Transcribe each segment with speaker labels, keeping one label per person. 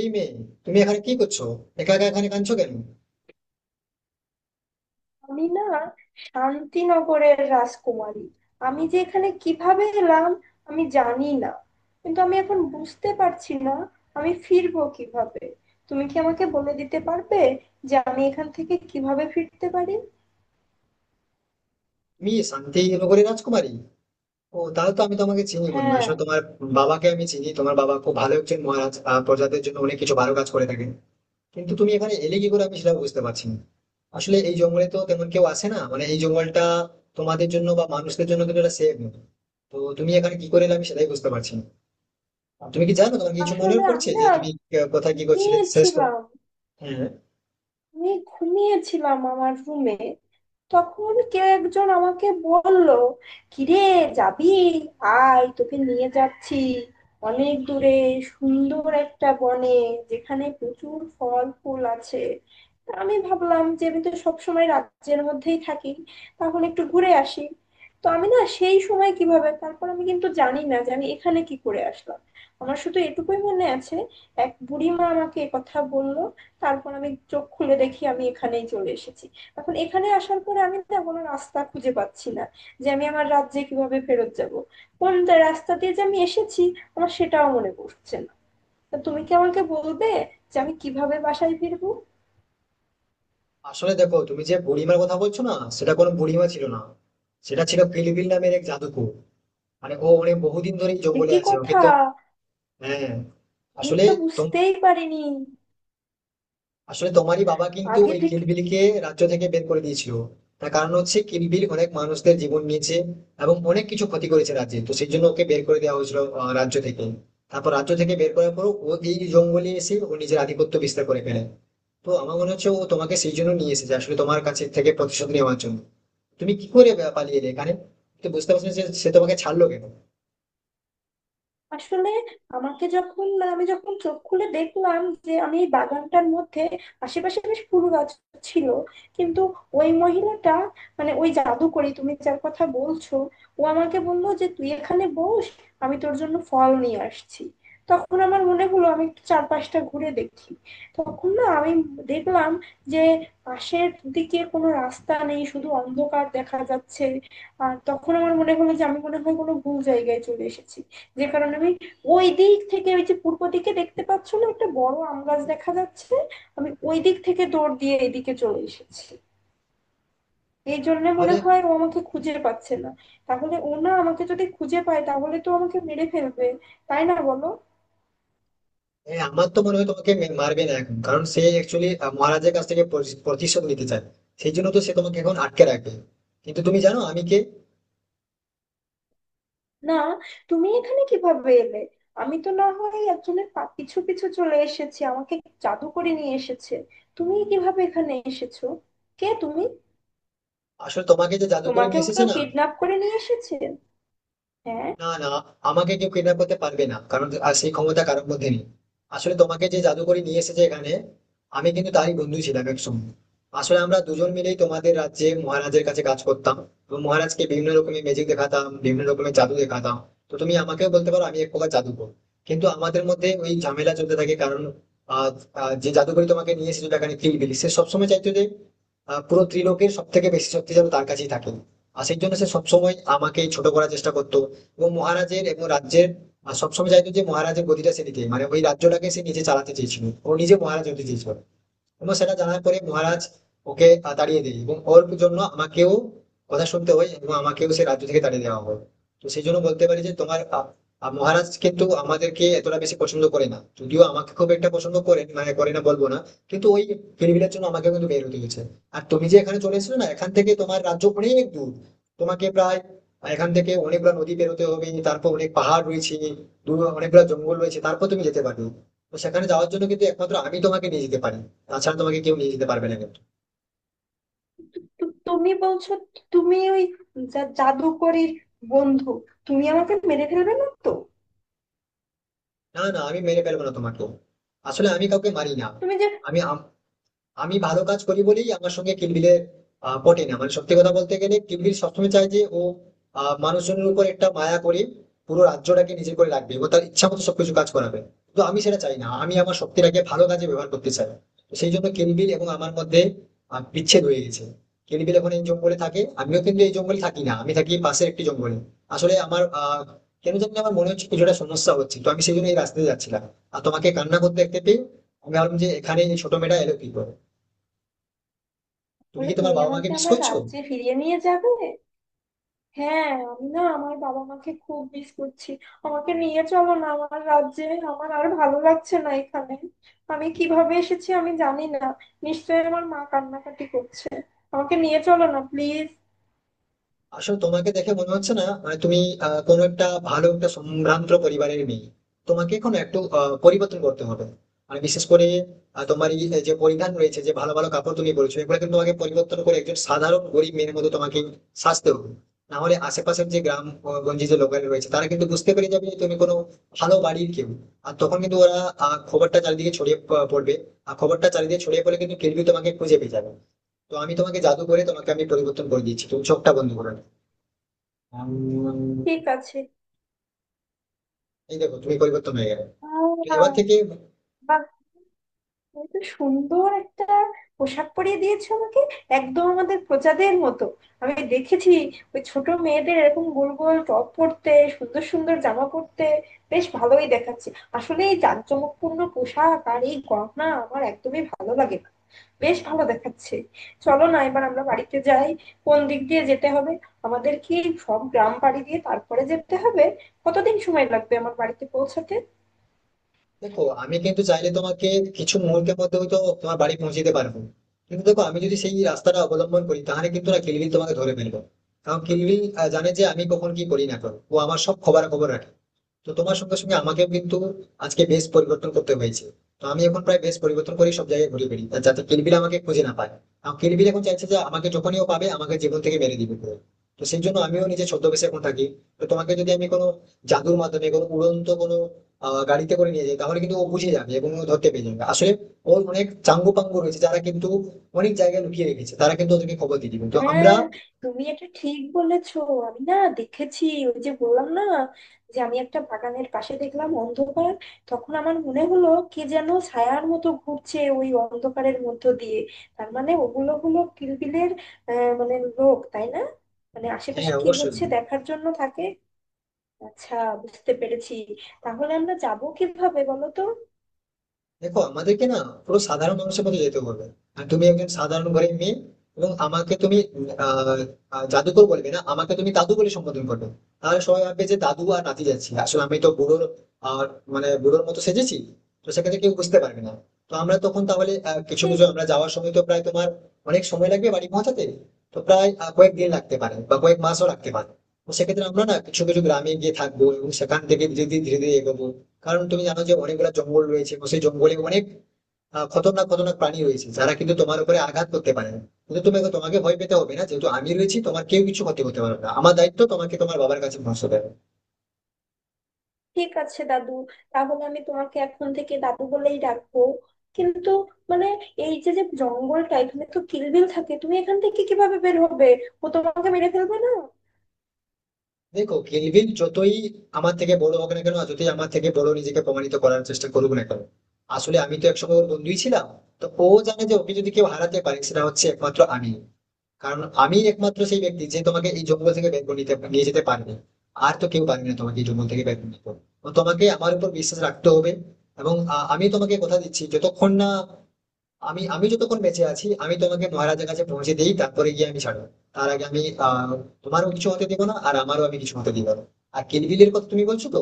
Speaker 1: এই মেয়ে, তুমি এখানে কি করছো? একা একা এখানে কাঁদছো কেন?
Speaker 2: আমি না শান্তিনগরের রাজকুমারী। আমি যে এখানে কিভাবে এলাম আমি জানি না, কিন্তু আমি এখন বুঝতে পারছি না আমি ফিরবো কিভাবে। তুমি কি আমাকে বলে দিতে পারবে যে আমি এখান থেকে কিভাবে ফিরতে পারি?
Speaker 1: তুমি শান্তি নগরের রাজকুমারী? ও, তাহলে তো আমি তোমাকে চিনি মনে হয়।
Speaker 2: হ্যাঁ,
Speaker 1: আসলে তোমার বাবাকে আমি চিনি। তোমার বাবা খুব ভালো একজন মহারাজ, প্রজাদের জন্য অনেক কিছু ভালো কাজ করে থাকেন। কিন্তু তুমি এখানে এলে কি করে আমি সেটা বুঝতে পারছি না। আসলে এই জঙ্গলে তো তেমন কেউ আসে না, মানে এই জঙ্গলটা তোমাদের জন্য বা মানুষদের জন্য কিন্তু এটা সেফ নয়। তো তুমি এখানে কি করে এলে আমি সেটাই বুঝতে পারছি না। তুমি কি জানো, তোমার কিছু মনে
Speaker 2: আসলে আমি
Speaker 1: পড়ছে
Speaker 2: না
Speaker 1: যে তুমি কোথায় কি করছিলে শেষ? তো
Speaker 2: ঘুমিয়েছিলাম।
Speaker 1: হ্যাঁ।
Speaker 2: আমি ঘুমিয়েছিলাম আমার রুমে, তখন কেউ একজন আমাকে বলল, কিরে যাবি? আয় তোকে নিয়ে যাচ্ছি অনেক দূরে, সুন্দর একটা বনে যেখানে প্রচুর ফল ফুল আছে। তা আমি ভাবলাম যে আমি তো সবসময় রাজ্যের মধ্যেই থাকি, তাহলে একটু ঘুরে আসি। তো আমি না সেই সময় কিভাবে তারপর আমি কিন্তু জানি না যে আমি এখানে কি করে আসলাম। আমার শুধু এটুকুই মনে আছে, এক বুড়িমা আমাকে কথা বলল, তারপর আমি চোখ খুলে দেখি আমি এখানেই চলে এসেছি। এখন এখানে আসার পরে আমি না কোনো রাস্তা খুঁজে পাচ্ছি না যে আমি আমার রাজ্যে কিভাবে ফেরত যাব। কোন রাস্তা দিয়ে যে আমি এসেছি আমার সেটাও মনে পড়ছে না। তা তুমি কি আমাকে বলবে যে আমি কিভাবে বাসায় ফিরবো?
Speaker 1: আসলে দেখো, তুমি যে বুড়িমার কথা বলছো না, সেটা কোনো বুড়িমা ছিল না। সেটা ছিল পিলিবিল নামের এক জাদুকর। মানে ও অনেক বহুদিন ধরে
Speaker 2: সে
Speaker 1: জঙ্গলে
Speaker 2: কি
Speaker 1: আছে ও,
Speaker 2: কথা!
Speaker 1: কিন্তু। হ্যাঁ।
Speaker 2: আমি
Speaker 1: আসলে
Speaker 2: তো
Speaker 1: তোম-
Speaker 2: বুঝতেই পারিনি।
Speaker 1: আসলে তোমারই বাবা কিন্তু
Speaker 2: আগে
Speaker 1: ওই
Speaker 2: থেকে?
Speaker 1: কিলবিলকে রাজ্য থেকে বের করে দিয়েছিল। তার কারণ হচ্ছে কিলবিল অনেক মানুষদের জীবন নিয়েছে এবং অনেক কিছু ক্ষতি করেছে রাজ্যে। তো সেই জন্য ওকে বের করে দেওয়া হয়েছিল রাজ্য থেকে। তারপর রাজ্য থেকে বের করার পর ও এই জঙ্গলে এসে ও নিজের আধিপত্য বিস্তার করে ফেলে। তো আমার মনে হচ্ছে ও তোমাকে সেই জন্য নিয়ে এসেছে আসলে তোমার কাছে থেকে প্রতিশোধ নেওয়ার জন্য। তুমি কি করে পালিয়ে এলে? কারণ তুমি বুঝতে পারছো না যে সে তোমাকে ছাড়লো কেন,
Speaker 2: আসলে আমাকে যখন মানে আমি যখন চোখ খুলে দেখলাম যে আমি এই বাগানটার মধ্যে, আশেপাশে বেশ ফুল গাছ ছিল, কিন্তু ওই মহিলাটা মানে ওই জাদুকরি তুমি যার কথা বলছো, ও আমাকে বললো যে তুই এখানে বস, আমি তোর জন্য ফল নিয়ে আসছি। তখন আমার মনে হলো আমি একটু চারপাশটা ঘুরে দেখি। তখন না আমি দেখলাম যে পাশের দিকে কোনো রাস্তা নেই, শুধু অন্ধকার দেখা যাচ্ছে। আর তখন আমার মনে হলো যে আমি মনে হয় কোনো ভুল জায়গায় চলে এসেছি, যে কারণে আমি ওই দিক থেকে, ওই যে পূর্ব দিকে দেখতে পাচ্ছ না একটা বড় আম গাছ দেখা যাচ্ছে, আমি ওই দিক থেকে দৌড় দিয়ে এদিকে চলে এসেছি। এই জন্য মনে
Speaker 1: তাহলে?
Speaker 2: হয় ও আমাকে খুঁজে পাচ্ছে না। তাহলে ও না আমাকে যদি খুঁজে পায় তাহলে তো আমাকে মেরে ফেলবে, তাই না বলো?
Speaker 1: আমার তো মনে হয় তোমাকে মারবে না এখন, কারণ সে অ্যাকচুয়ালি মহারাজের কাছ থেকে প্রতিশোধ নিতে চায়। সেই জন্য তো সে তোমাকে এখন আটকে রাখবে। কিন্তু তুমি জানো আমি কে?
Speaker 2: না, তুমি এখানে কিভাবে এলে? আমি তো না হয় একজনের পিছু পিছু চলে এসেছি, আমাকে জাদু করে নিয়ে এসেছে। তুমি কিভাবে এখানে এসেছো? কে তুমি?
Speaker 1: আসলে তোমাকে যে জাদু করে নিয়ে
Speaker 2: তোমাকেও
Speaker 1: এসেছে
Speaker 2: কেউ
Speaker 1: না,
Speaker 2: কিডন্যাপ করে নিয়ে এসেছে? হ্যাঁ?
Speaker 1: না, না, আমাকে কেউ কিডন্যাপ করতে পারবে না। কারণ সেই ক্ষমতা কারোর মধ্যে নেই। আসলে তোমাকে যে জাদু করে নিয়ে এসেছে এখানে, আমি কিন্তু তারই বন্ধু ছিলাম একসময়। আসলে আমরা দুজন মিলেই তোমাদের রাজ্যে মহারাজের কাছে কাজ করতাম। এবং মহারাজকে বিভিন্ন রকমের ম্যাজিক দেখাতাম, বিভিন্ন রকমের জাদু দেখাতাম। তো তুমি আমাকেও বলতে পারো আমি এক প্রকার জাদুকর। কিন্তু আমাদের মধ্যে ওই ঝামেলা চলতে থাকে, কারণ আ আ যে জাদুকরী তোমাকে নিয়ে এসেছিল এখানে কিলিবিলি, সে সবসময় চাইতো যে পুরো ত্রিলোকের সবথেকে বেশি শক্তি যেন তার কাছেই থাকে। আর সেই জন্য সে সবসময় আমাকেই ছোট করার চেষ্টা করতো। এবং মহারাজের এবং রাজ্যের সবসময় চাইতো যে মহারাজের গদিটা সে নিতে, মানে ওই রাজ্যটাকে সে নিজে চালাতে চেয়েছিল, ও নিজে মহারাজ হতে চেয়েছিল। এবং সেটা জানার পরে মহারাজ ওকে তাড়িয়ে দেয় এবং ওর জন্য আমাকেও কথা শুনতে হয় এবং আমাকেও সে রাজ্য থেকে তাড়িয়ে দেওয়া হয়। তো সেই জন্য বলতে পারি যে তোমার আহ, আহ, মহারাজ কিন্তু আমাদেরকে এতটা বেশি পছন্দ করে না, যদিও আমাকে খুব একটা পছন্দ করে মানে করে না বলবো না। কিন্তু ওই ফিরবিলের জন্য আমাকে কিন্তু বের হতে হয়েছে। আর তুমি যে এখানে চলে এসেছো না, এখান থেকে তোমার রাজ্য অনেক দূর। তোমাকে প্রায় এখান থেকে অনেকগুলো নদী পেরোতে হবে, তারপর অনেক পাহাড় রয়েছে, দূর অনেকগুলো জঙ্গল রয়েছে, তারপর তুমি যেতে পারবে। তো সেখানে যাওয়ার জন্য কিন্তু একমাত্র আমি তোমাকে নিয়ে যেতে পারি। তাছাড়া তোমাকে কেউ নিয়ে যেতে পারবে না কিন্তু।
Speaker 2: তো তুমি বলছো তুমি ওই জাদুকরীর বন্ধু? তুমি আমাকে মেরে ফেলবে না তো?
Speaker 1: না, না, আমি মেরে ফেলবো না তোমাকে। আসলে আমি কাউকে মারি না।
Speaker 2: তুমি যে
Speaker 1: আমি আমার আমি ভালো কাজ করি বলেই আমার সঙ্গে কিলবিলের পটে না। মানে সত্যি কথা বলতে গেলে কিলবিল সবসময় চায় যে ও মানুষজনের উপর একটা মায়া করে পুরো রাজ্যটাকে নিজের করে রাখবে এবং তার ইচ্ছা মতো সবকিছু কাজ করাবে। কিন্তু আমি সেটা চাই না, আমি আমার শক্তিটাকে ভালো কাজে ব্যবহার করতে চাই। তো সেই জন্য কিলবিল এবং আমার মধ্যে বিচ্ছেদ হয়ে গেছে। কিলবিল এখন এই জঙ্গলে থাকে, আমিও কিন্তু এই জঙ্গলে থাকি না, আমি থাকি পাশের একটি জঙ্গলে। আসলে আমার কেন জানি না আমার মনে হচ্ছে কিছুটা সমস্যা হচ্ছে, তো আমি সেই জন্য এই রাস্তাতে যাচ্ছিলাম। আর তোমাকে কান্না করতে দেখতে পেয়ে আমি ভাবলাম যে এখানে এই ছোট মেয়েটা এলো কি করে। তুমি
Speaker 2: বলে
Speaker 1: কি তোমার
Speaker 2: তুমি
Speaker 1: বাবা মাকে
Speaker 2: আমাকে
Speaker 1: মিস
Speaker 2: আমার
Speaker 1: করছো?
Speaker 2: রাজ্যে ফিরিয়ে নিয়ে যাবে? হ্যাঁ, আমি না আমার বাবা মাকে খুব মিস করছি। আমাকে নিয়ে চলো না আমার রাজ্যে, আমার আর ভালো লাগছে না এখানে। আমি কিভাবে এসেছি আমি জানি না। নিশ্চয়ই আমার মা কান্নাকাটি করছে। আমাকে নিয়ে চলো না প্লিজ।
Speaker 1: আসলে তোমাকে দেখে মনে হচ্ছে না মানে তুমি কোনো একটা ভালো একটা সম্ভ্রান্ত পরিবারের মেয়ে। তোমাকে এখন একটু পরিবর্তন করতে হবে। আর বিশেষ করে তোমার এই যে পরিধান রয়েছে, যে ভালো ভালো কাপড় তুমি বলছো, এগুলো কিন্তু তোমাকে পরিবর্তন করে একজন সাধারণ গরিব মেয়ের মতো তোমাকে সাজতে হবে। না হলে আশেপাশের যে গ্রাম গঞ্জে যে লোকাল রয়েছে তারা কিন্তু বুঝতে পেরে যাবে যে তুমি কোনো ভালো বাড়ির কেউ। আর তখন কিন্তু ওরা খবরটা চারিদিকে ছড়িয়ে পড়বে। আর খবরটা চারিদিকে ছড়িয়ে পড়লে কিন্তু কেউ তোমাকে খুঁজে পেয়ে যাবে। তো আমি তোমাকে জাদু করে তোমাকে আমি পরিবর্তন করে দিচ্ছি, তুমি চোখটা বন্ধ করো।
Speaker 2: ঠিক আছে।
Speaker 1: এই দেখো, তুমি পরিবর্তন হয়ে গেলে। তো এবার
Speaker 2: আহ,
Speaker 1: থেকে
Speaker 2: বাহ! এত সুন্দর একটা পোশাক পরিয়ে দিয়েছো আমাকে, একদম আমাদের প্রজাদের মতো। আমি দেখেছি ওই ছোট মেয়েদের এরকম গোল গোল টপ পরতে, সুন্দর সুন্দর জামা পরতে। বেশ ভালোই দেখাচ্ছে। আসলে এই জাঁকজমকপূর্ণ পোশাক আর এই গহনা আমার একদমই ভালো লাগে না। বেশ ভালো দেখাচ্ছে। চলো না এবার আমরা বাড়িতে যাই। কোন দিক দিয়ে যেতে হবে? আমাদের কি সব গ্রাম পাড়ি দিয়ে তারপরে যেতে হবে? কতদিন সময় লাগবে আমার বাড়িতে পৌঁছাতে?
Speaker 1: দেখো আমি কিন্তু চাইলে তোমাকে কিছু মুহূর্তের মধ্যে হয়তো তোমার বাড়ি পৌঁছে দিতে পারবো। কিন্তু দেখো, আমি যদি সেই রাস্তাটা অবলম্বন করি তাহলে কিন্তু না কিলবিল তোমাকে ধরে ফেলবো। কারণ কিলবিল জানে যে আমি কখন কি করি না করো, ও আমার সব খবর খবর রাখে। তো তোমার সঙ্গে সঙ্গে আমাকেও কিন্তু আজকে বেশ পরিবর্তন করতে হয়েছে। তো আমি এখন প্রায় বেশ পরিবর্তন করি সব জায়গায় ঘুরে বেড়ি যাতে কিলবিল আমাকে খুঁজে না পায়। কারণ কিলবিল এখন চাইছে যে আমাকে যখনই ও পাবে আমাকে জীবন থেকে মেরে দিবে পুরো। তো সেই জন্য আমিও নিজে ছদ্মবেশে এখন থাকি। তো তোমাকে যদি আমি কোনো জাদুর মাধ্যমে কোনো উড়ন্ত কোনো গাড়িতে করে নিয়ে যাই তাহলে কিন্তু ও বুঝে যাবে এবং ও ধরতে পেরে যাবে আসলে। ওর অনেক চাঙ্গু পাঙ্গু রয়েছে যারা কিন্তু অনেক জায়গায় লুকিয়ে রেখেছে, তারা কিন্তু ওদেরকে খবর দিয়ে দিবে, তো আমরা।
Speaker 2: হ্যাঁ, তুমি এটা ঠিক বলেছো। আমি না দেখেছি, ওই যে বললাম না যে আমি একটা বাগানের পাশে দেখলাম অন্ধকার, তখন আমার মনে হলো কে যেন ছায়ার মতো ঘুরছে ওই অন্ধকারের মধ্য দিয়ে। তার মানে ওগুলো হলো কিলবিলের মানে লোক, তাই না? মানে
Speaker 1: হ্যাঁ,
Speaker 2: আশেপাশে কি
Speaker 1: অবশ্যই।
Speaker 2: হচ্ছে দেখার জন্য থাকে। আচ্ছা, বুঝতে পেরেছি। তাহলে আমরা যাব কিভাবে বলো তো?
Speaker 1: দেখো আমাদেরকে না পুরো সাধারণ মানুষের মতো যেতে হবে। আর তুমি একজন সাধারণ ঘরের মেয়ে এবং আমাকে তুমি আহ আহ, জাদুকর বলবে না, আমাকে তুমি দাদু বলে সম্বোধন করবে। তাহলে সবাই ভাববে যে দাদু আর নাতি যাচ্ছি, আসলে আমি তো বুড়োর আর, মানে বুড়োর মতো সেজেছি। তো সেক্ষেত্রে কেউ বুঝতে পারবে না। তো আমরা তখন তাহলে কিছু কিছু আমরা যাওয়ার সময় তো প্রায় তোমার অনেক সময় লাগবে বাড়ি পৌঁছাতে। তো প্রায় কয়েক দিন লাগতে পারে বা কয়েক মাসও লাগতে পারে। তো সেক্ষেত্রে আমরা না কিছু কিছু গ্রামে গিয়ে থাকবো এবং সেখান থেকে ধীরে ধীরে এগোবো। কারণ তুমি জানো যে অনেকগুলো জঙ্গল রয়েছে এবং সেই জঙ্গলে অনেক খতরনাক খতরনাক প্রাণী রয়েছে যারা কিন্তু তোমার উপরে আঘাত করতে পারে না। কিন্তু তুমি তোমাকে ভয় পেতে হবে না, যেহেতু আমি রয়েছি তোমার কেউ কিছু ক্ষতি করতে পারবে না, আমার দায়িত্ব তোমাকে তোমার বাবার কাছে পৌঁছে দেবে।
Speaker 2: ঠিক আছে দাদু, তাহলে আমি তোমাকে এখন থেকে দাদু বলেই ডাকবো। কিন্তু মানে, এই যে যে জঙ্গলটা এখানে তো কিলবিল থাকে, তুমি এখান থেকে কিভাবে বের হবে? ও তোমাকে মেরে ফেলবে না?
Speaker 1: দেখো, কিলবিল যতই আমার থেকে বড় হোক না কেন আর যতই আমার থেকে বড় নিজেকে প্রমাণিত করার চেষ্টা করুক না কেন, আসলে আমি তো একসময় ওর বন্ধুই ছিলাম। তো ও জানে যে ওকে যদি কেউ হারাতে পারে সেটা হচ্ছে একমাত্র আমি। কারণ আমি একমাত্র সেই ব্যক্তি যে তোমাকে এই জঙ্গল থেকে বের করে নিতে নিয়ে যেতে পারবে। আর তো কেউ পারবে না তোমাকে এই জঙ্গল থেকে বের করে নিতে। তো তোমাকে আমার উপর বিশ্বাস রাখতে হবে। এবং আমি তোমাকে কথা দিচ্ছি যতক্ষণ না আমি আমি যতক্ষণ বেঁচে আছি আমি তোমাকে মহারাজের কাছে পৌঁছে দিই, তারপরে গিয়ে আমি ছাড়ো। তার আগে আমি আহ তোমারও কিছু হতে দিব না আর আমারও আমি কিছু হতে দিব না। আর কিলবিলের কথা তুমি বলছো তো,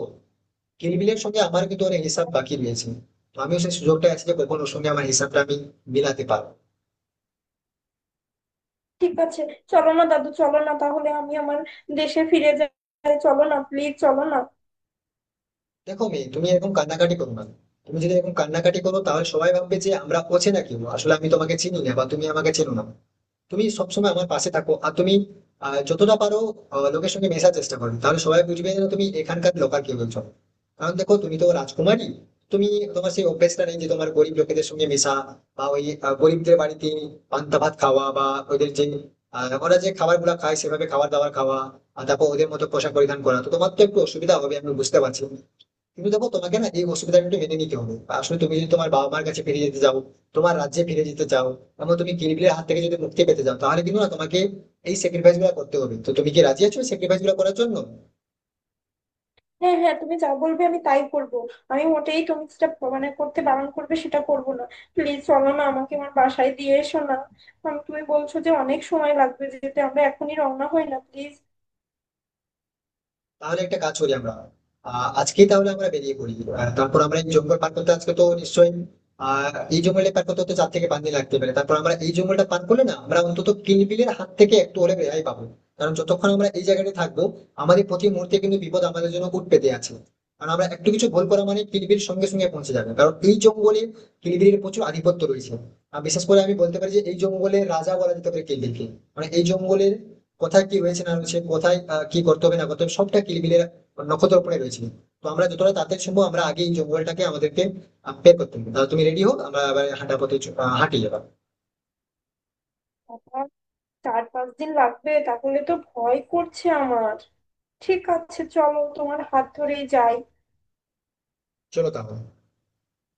Speaker 1: কিলবিলের সঙ্গে আমার কিন্তু অনেক হিসাব বাকি রয়েছে। তো আমিও সেই সুযোগটা আছে যে কখন ওর সঙ্গে আমার হিসাবটা আমি মিলাতে পারবো।
Speaker 2: ঠিক আছে, চলো না দাদু, চলো না তাহলে আমি আমার দেশে ফিরে যাই, চলো না প্লিজ, চলো না।
Speaker 1: দেখো মেয়ে, তুমি এরকম কান্নাকাটি করো না। তুমি যদি এরকম কান্নাকাটি করো তাহলে সবাই ভাববে যে আমরা অচেনা কেউ, আসলে আমি তোমাকে চিনি না বা তুমি আমাকে চেনো না। তুমি সবসময় আমার পাশে থাকো আর তুমি যতটা পারো লোকের সঙ্গে মেশার চেষ্টা করো, তাহলে সবাই বুঝবে যে তুমি এখানকার লোকাল কেউ একজন। কারণ দেখো তুমি তো রাজকুমারী। তুমি, তোমার সেই অভ্যেসটা নেই যে তোমার গরিব লোকেদের সঙ্গে মেশা বা ওই গরিবদের বাড়িতে পান্তা ভাত খাওয়া বা ওদের যে ওরা যে খাবার গুলা খায় সেভাবে খাবার দাবার খাওয়া আর তারপর ওদের মতো পোশাক পরিধান করা, তো তোমার তো একটু অসুবিধা হবে আমি বুঝতে পারছি। কিন্তু দেখো তোমাকে না এই অসুবিধাটা একটু মেনে নিতে হবে। আসলে তুমি যদি তোমার বাবা মার কাছে ফিরে যেতে চাও, তোমার রাজ্যে ফিরে যেতে চাও এবং তুমি কিরবিলের হাত থেকে যদি মুক্তি পেতে চাও তাহলে কিন্তু না তোমাকে এই স্যাক্রিফাইস গুলো করতে হবে। তো তুমি কি রাজি আছো স্যাক্রিফাইস গুলো করার জন্য?
Speaker 2: হ্যাঁ হ্যাঁ, তুমি যা বলবে আমি তাই করব। আমি মোটেই তুমি যেটা মানে করতে বারণ করবে সেটা করব না। প্লিজ চলো না, আমাকে আমার বাসায় দিয়ে এসো না। আমি তুমি বলছো যে অনেক সময় লাগবে যেতে, আমরা এখনই রওনা হই না প্লিজ।
Speaker 1: তাহলে একটা কাজ করি আমরা। আজকেই তাহলে আমরা বেরিয়ে পড়ি। তারপর আমরা এই জঙ্গল পার করতে আজকে তো নিশ্চয়ই, এই জঙ্গলটা পার করতে হতে 4 থেকে 5 দিন লাগতে পারে। তারপর আমরা এই জঙ্গলটা পার করলে না আমরা অন্তত কিলবিলের হাত থেকে একটু হলে রেহাই পাবো। কারণ যতক্ষণ আমরা এই জায়গাটা থাকবো আমাদের প্রতি মুহূর্তে কিন্তু বিপদ আমাদের জন্য উঠ পেতে আছে। কারণ আমরা একটু কিছু ভুল করা মানে কিলবিল সঙ্গে সঙ্গে পৌঁছে যাবে, কারণ এই জঙ্গলে কিলবিলের প্রচুর আধিপত্য রয়েছে। আর বিশেষ করে আমি বলতে পারি যে এই জঙ্গলের রাজা বলা যেতে পারে কিলবিলকে। মানে এই জঙ্গলের কোথায় কি হয়েছে না হয়েছে, কোথায় কি করতে হবে না করতে হবে, সবটা কিলবিলের নক্ষত্র উপরে রয়েছে। তো আমরা যতটা তাড়াতাড়ি সম্ভব আমরা আগে এই জঙ্গলটাকে আমাদেরকে বের করতে হবে। তাহলে তুমি রেডি হো, আমরা আবার হাঁটা পথে হাঁটি যাবা।
Speaker 2: চার পাঁচ দিন লাগবে? তাহলে তো ভয় করছে আমার। ঠিক আছে, চলো, তোমার হাত ধরেই যাই।
Speaker 1: চলো তাহলে।